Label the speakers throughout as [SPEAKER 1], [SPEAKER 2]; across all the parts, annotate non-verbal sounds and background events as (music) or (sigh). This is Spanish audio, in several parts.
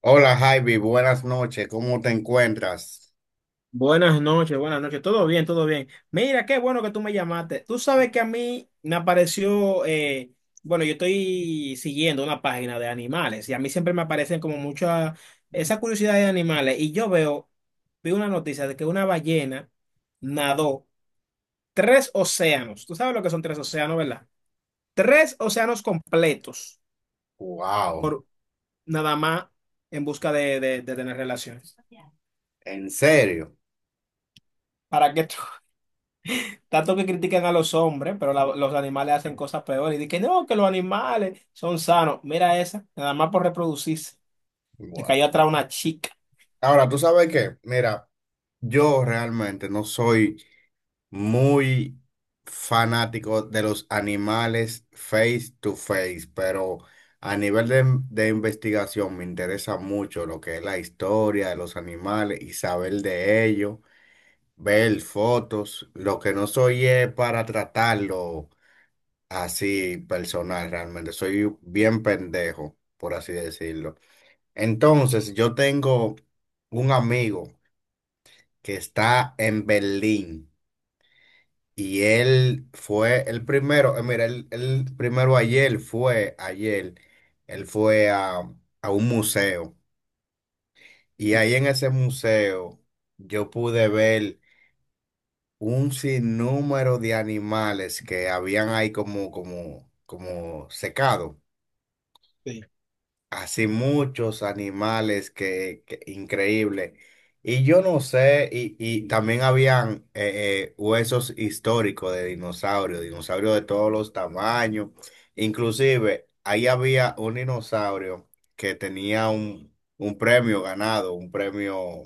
[SPEAKER 1] Hola Javi, buenas noches, ¿cómo te encuentras?
[SPEAKER 2] Buenas noches, buenas noches. Todo bien, todo bien. Mira, qué bueno que tú me llamaste. Tú sabes que a mí me apareció, bueno, yo estoy siguiendo una página de animales y a mí siempre me aparecen como mucha esa curiosidad de animales y vi una noticia de que una ballena nadó tres océanos. Tú sabes lo que son tres océanos, ¿verdad? Tres océanos completos
[SPEAKER 1] Wow,
[SPEAKER 2] por nada más en busca de tener relaciones.
[SPEAKER 1] en serio.
[SPEAKER 2] ¿Para qué? Tanto que critican a los hombres, pero los animales hacen cosas peores. Y dicen que no, que los animales son sanos. Mira esa, nada más por reproducirse. Le
[SPEAKER 1] Bueno.
[SPEAKER 2] cayó atrás una chica.
[SPEAKER 1] Ahora, ¿tú sabes qué? Mira, yo realmente no soy muy fanático de los animales face to face, pero a nivel de investigación me interesa mucho lo que es la historia de los animales y saber de ellos, ver fotos. Lo que no soy es para tratarlo así personal realmente. Soy bien pendejo, por así decirlo. Entonces, yo tengo un amigo que está en Berlín. Y él fue el primero, mira, el primero ayer fue, ayer, él fue a un museo y ahí en ese museo yo pude ver un sinnúmero de animales que habían ahí como, como, como secado.
[SPEAKER 2] Sí.
[SPEAKER 1] Así muchos animales que increíble. Y yo no sé, y también habían huesos históricos de dinosaurios, dinosaurios de todos los tamaños. Inclusive, ahí había un dinosaurio que tenía un premio ganado, un premio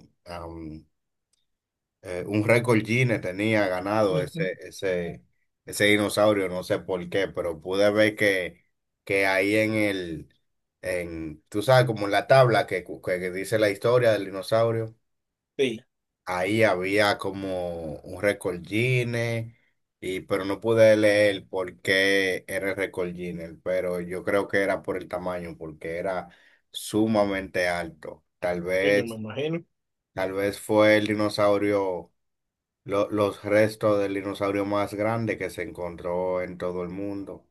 [SPEAKER 1] un récord Guinness tenía ganado
[SPEAKER 2] Ujú.
[SPEAKER 1] ese, ese, ese dinosaurio, no sé por qué, pero pude ver que ahí en el, en, tú sabes, como en la tabla que, que dice la historia del dinosaurio,
[SPEAKER 2] Sí,
[SPEAKER 1] ahí había como un récord Guinness, y, pero no pude leer por qué era el récord Guinness, pero yo creo que era por el tamaño, porque era sumamente alto.
[SPEAKER 2] es, me imagino.
[SPEAKER 1] Tal vez fue el dinosaurio los restos del dinosaurio más grande que se encontró en todo el mundo.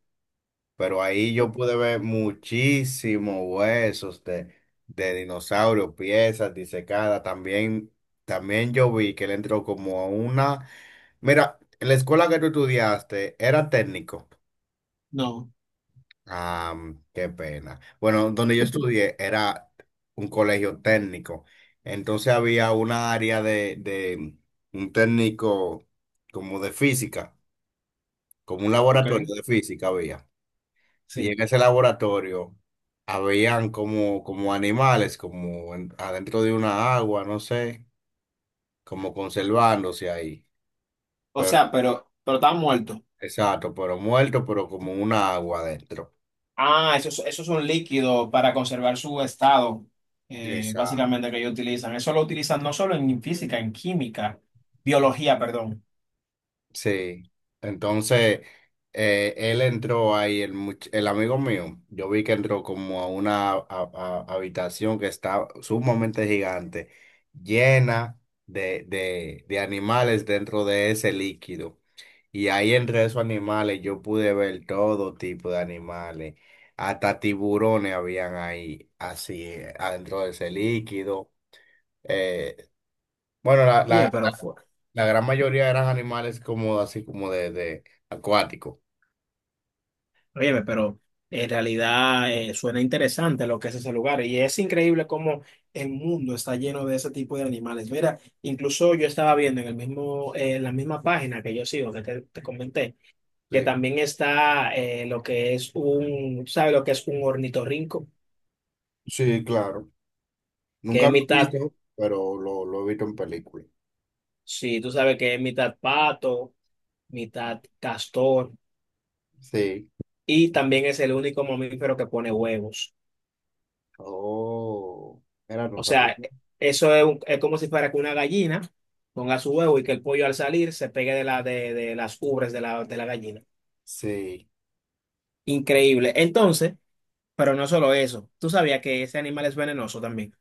[SPEAKER 1] Pero ahí yo pude ver muchísimos huesos de dinosaurio, piezas disecadas. También, también yo vi que él entró como a una... Mira, en la escuela que tú estudiaste era técnico.
[SPEAKER 2] No,
[SPEAKER 1] Ah, qué pena. Bueno, donde yo estudié era un colegio técnico. Entonces había una área de un técnico como de física. Como un laboratorio
[SPEAKER 2] ok,
[SPEAKER 1] de física había. Y
[SPEAKER 2] sí.
[SPEAKER 1] en ese laboratorio habían como, como animales, adentro de una agua, no sé, como conservándose ahí.
[SPEAKER 2] O
[SPEAKER 1] Pero,
[SPEAKER 2] sea, pero está muerto.
[SPEAKER 1] exacto, pero muertos, pero como una agua adentro.
[SPEAKER 2] Ah, eso, eso es un líquido para conservar su estado,
[SPEAKER 1] Exacto.
[SPEAKER 2] básicamente, que ellos utilizan. Eso lo utilizan no solo en física, en química, biología, perdón.
[SPEAKER 1] Sí, entonces él entró ahí, el, el amigo mío, yo vi que entró como a una habitación que está sumamente gigante, llena de animales dentro de ese líquido. Y ahí entre esos animales yo pude ver todo tipo de animales, hasta tiburones habían ahí, así, adentro de ese líquido. Eh, bueno, la,
[SPEAKER 2] Oye,
[SPEAKER 1] la-
[SPEAKER 2] pero fuerte.
[SPEAKER 1] la gran mayoría eran animales como así como de acuático.
[SPEAKER 2] Óyeme, pero en realidad suena interesante lo que es ese lugar y es increíble cómo el mundo está lleno de ese tipo de animales. Mira, incluso yo estaba viendo en la misma página que yo sigo, que te comenté, que
[SPEAKER 1] Sí,
[SPEAKER 2] también está lo que es un, ¿sabes lo que es un ornitorrinco?
[SPEAKER 1] sí, claro.
[SPEAKER 2] Que
[SPEAKER 1] Nunca
[SPEAKER 2] es
[SPEAKER 1] lo he
[SPEAKER 2] mitad,
[SPEAKER 1] visto, pero lo he visto en películas.
[SPEAKER 2] sí, tú sabes que es mitad pato, mitad castor
[SPEAKER 1] Sí.
[SPEAKER 2] y también es el único mamífero que pone huevos.
[SPEAKER 1] Oh, era no
[SPEAKER 2] O
[SPEAKER 1] sabía.
[SPEAKER 2] sea, eso es, es como si fuera que una gallina ponga su huevo y que el pollo al salir se pegue de las ubres de la gallina.
[SPEAKER 1] Sí.
[SPEAKER 2] Increíble. Entonces, pero no solo eso. ¿Tú sabías que ese animal es venenoso también?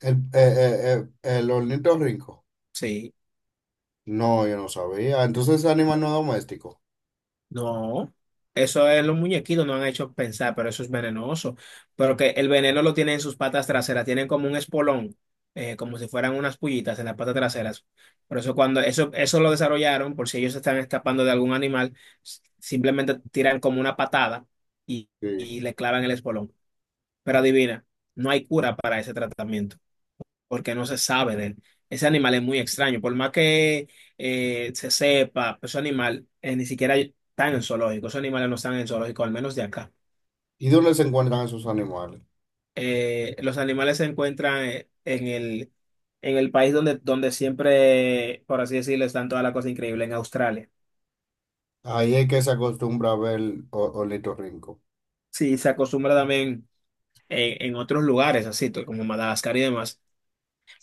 [SPEAKER 1] El ornitorrinco.
[SPEAKER 2] Sí.
[SPEAKER 1] No, yo no sabía. Entonces es animal no doméstico.
[SPEAKER 2] No, eso es los muñequitos, no han hecho pensar, pero eso es venenoso. Pero que el veneno lo tienen en sus patas traseras, tienen como un espolón, como si fueran unas pullitas en las patas traseras. Por eso cuando eso lo desarrollaron, por si ellos se están escapando de algún animal, simplemente tiran como una patada y,
[SPEAKER 1] Sí.
[SPEAKER 2] y le clavan el espolón. Pero adivina, no hay cura para ese tratamiento porque no se sabe de él. Ese animal es muy extraño, por más que se sepa, ese animal ni siquiera está en el zoológico, esos animales no están en el zoológico, al menos de acá.
[SPEAKER 1] ¿Y dónde se encuentran esos animales?
[SPEAKER 2] Los animales se encuentran en el país donde siempre, por así decirlo, están todas las cosas increíbles, en Australia.
[SPEAKER 1] Ahí es que se acostumbra a ver ornitorrinco.
[SPEAKER 2] Sí, se acostumbra también en otros lugares, así como Madagascar y demás,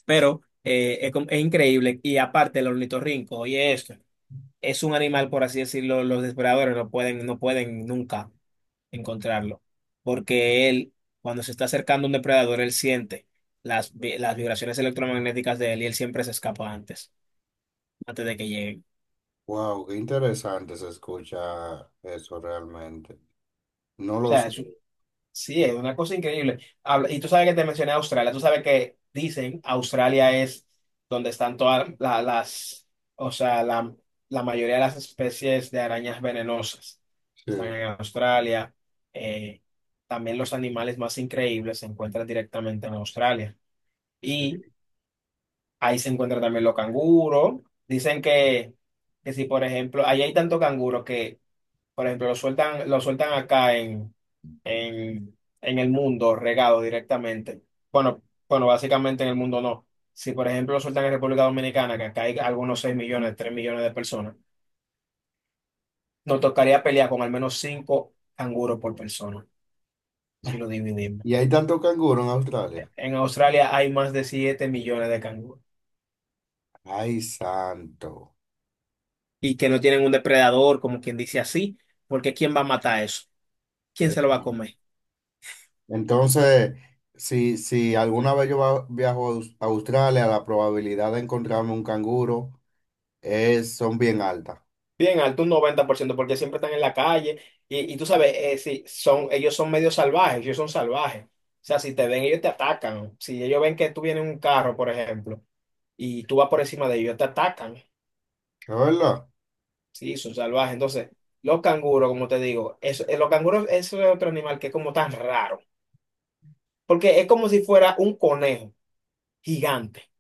[SPEAKER 2] pero es increíble. Y aparte, el ornitorrinco, oye esto. Es un animal, por así decirlo, los depredadores no pueden nunca encontrarlo, porque él, cuando se está acercando a un depredador, él siente las vibraciones electromagnéticas de él y él siempre se escapa antes, antes de que lleguen.
[SPEAKER 1] Wow, qué interesante se escucha eso realmente. No
[SPEAKER 2] O
[SPEAKER 1] lo
[SPEAKER 2] sea,
[SPEAKER 1] sé.
[SPEAKER 2] es. Sí, es una cosa increíble. Y tú sabes que te mencioné Australia, tú sabes que dicen Australia es donde están todas las, o sea, la mayoría de las especies de arañas venenosas. Están
[SPEAKER 1] Sí.
[SPEAKER 2] en Australia. Eh, También los animales más increíbles se encuentran directamente en Australia. Y
[SPEAKER 1] Sí.
[SPEAKER 2] ahí se encuentran también los canguros. Dicen que si, por ejemplo, ahí hay tanto canguro que, por ejemplo, lo sueltan acá en, en el mundo, regado directamente. Bueno, bueno, básicamente en el mundo no. Si, por ejemplo, lo sueltan en República Dominicana, que acá hay algunos 6 millones, 3 millones de personas, nos tocaría pelear con al menos 5 canguros por persona, si lo dividimos.
[SPEAKER 1] Y hay tanto canguro en Australia.
[SPEAKER 2] En Australia hay más de 7 millones de canguros
[SPEAKER 1] Ay, santo.
[SPEAKER 2] y que no tienen un depredador, como quien dice así, porque ¿quién va a matar eso? ¿Quién se lo
[SPEAKER 1] Eso.
[SPEAKER 2] va a comer?
[SPEAKER 1] Entonces, si, si alguna vez yo viajo a a Australia, la probabilidad de encontrarme un canguro es, son bien altas.
[SPEAKER 2] Bien alto, un 90% porque siempre están en la calle. Y tú sabes, si son, ellos son medio salvajes, ellos son salvajes. O sea, si te ven, ellos te atacan. Si ellos ven que tú vienes en un carro, por ejemplo, y tú vas por encima de ellos, te atacan.
[SPEAKER 1] ¿Es verdad?
[SPEAKER 2] Sí, son salvajes. Entonces, los canguros, como te digo, eso, los canguros, eso es otro animal que es como tan raro. Porque es como si fuera un conejo gigante.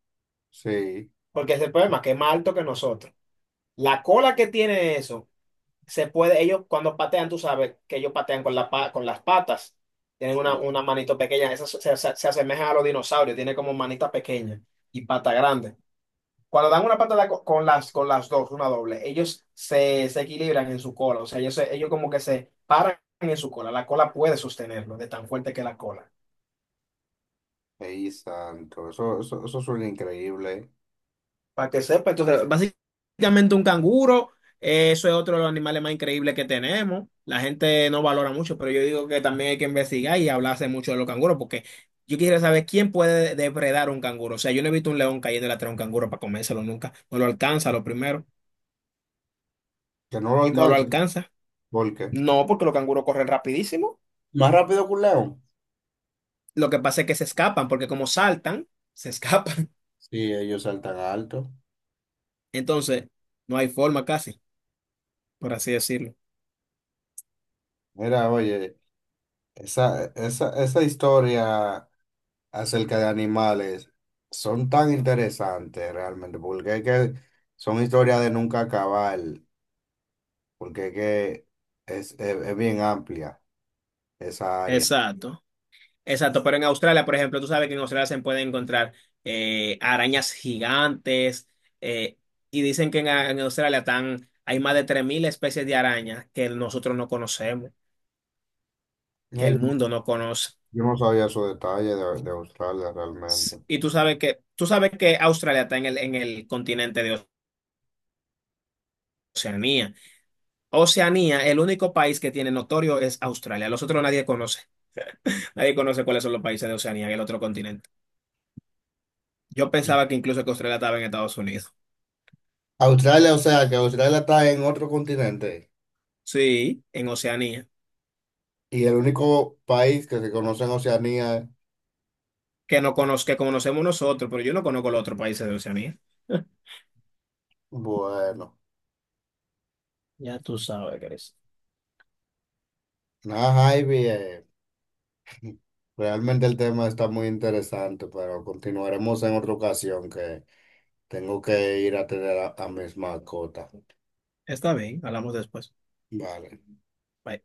[SPEAKER 1] Sí.
[SPEAKER 2] Porque ese es el problema, que es más alto que nosotros. La cola que tiene eso se puede, ellos cuando patean, tú sabes que ellos patean con con las patas, tienen una,
[SPEAKER 1] Sí.
[SPEAKER 2] una manito pequeña, esas se asemejan a los dinosaurios, tienen como manita pequeña y pata grande. Cuando dan una patada con las dos, una doble, ellos se equilibran en su cola, o sea, ellos como que se paran en su cola, la cola puede sostenerlo de tan fuerte que la cola.
[SPEAKER 1] Ay, santo. Eso suena increíble.
[SPEAKER 2] Para que sepa. Entonces, básicamente un canguro, eso es otro de los animales más increíbles que tenemos. La gente no valora mucho, pero yo digo que también hay que investigar y hablarse mucho de los canguros, porque yo quisiera saber quién puede depredar un canguro. O sea, yo no he visto un león cayendo atrás de un canguro para comérselo nunca. No lo alcanza, lo primero.
[SPEAKER 1] Que no lo
[SPEAKER 2] No lo
[SPEAKER 1] alcance.
[SPEAKER 2] alcanza.
[SPEAKER 1] ¿Por qué?
[SPEAKER 2] No, porque los canguros corren rapidísimo.
[SPEAKER 1] Más rápido que un león.
[SPEAKER 2] Lo que pasa es que se escapan, porque como saltan, se escapan.
[SPEAKER 1] Sí, ellos saltan alto.
[SPEAKER 2] (laughs) Entonces, no hay forma casi, por así decirlo.
[SPEAKER 1] Mira, oye, esa historia acerca de animales son tan interesantes realmente, porque es que son historias de nunca acabar, porque es que es, es bien amplia esa área.
[SPEAKER 2] Exacto. Exacto, pero en Australia, por ejemplo, tú sabes que en Australia se pueden encontrar arañas gigantes eh, y dicen que en, Australia tan hay más de 3.000 especies de arañas que nosotros no conocemos,
[SPEAKER 1] No,
[SPEAKER 2] que el
[SPEAKER 1] yo,
[SPEAKER 2] mundo no conoce.
[SPEAKER 1] yo no sabía su detalle de Australia realmente.
[SPEAKER 2] Y tú sabes que, Australia está en el continente de Oceanía. Oceanía, el único país que tiene notorio es Australia. Los otros nadie conoce. (laughs) Nadie conoce cuáles son los países de Oceanía, el otro continente. Yo pensaba que incluso que Australia estaba en Estados Unidos.
[SPEAKER 1] Australia, o sea, que Australia está en otro continente
[SPEAKER 2] Sí, en Oceanía.
[SPEAKER 1] y el único país que se conoce en Oceanía, es...
[SPEAKER 2] Que no conoz- Que conocemos nosotros, pero yo no conozco los otros países de Oceanía. (laughs)
[SPEAKER 1] Bueno,
[SPEAKER 2] Ya tú sabes, Chris.
[SPEAKER 1] nada, Ivy, realmente el tema está muy interesante, pero continuaremos en otra ocasión que... Tengo que ir a tener a mis mascotas.
[SPEAKER 2] Está bien, hablamos después.
[SPEAKER 1] Vale.
[SPEAKER 2] Bye.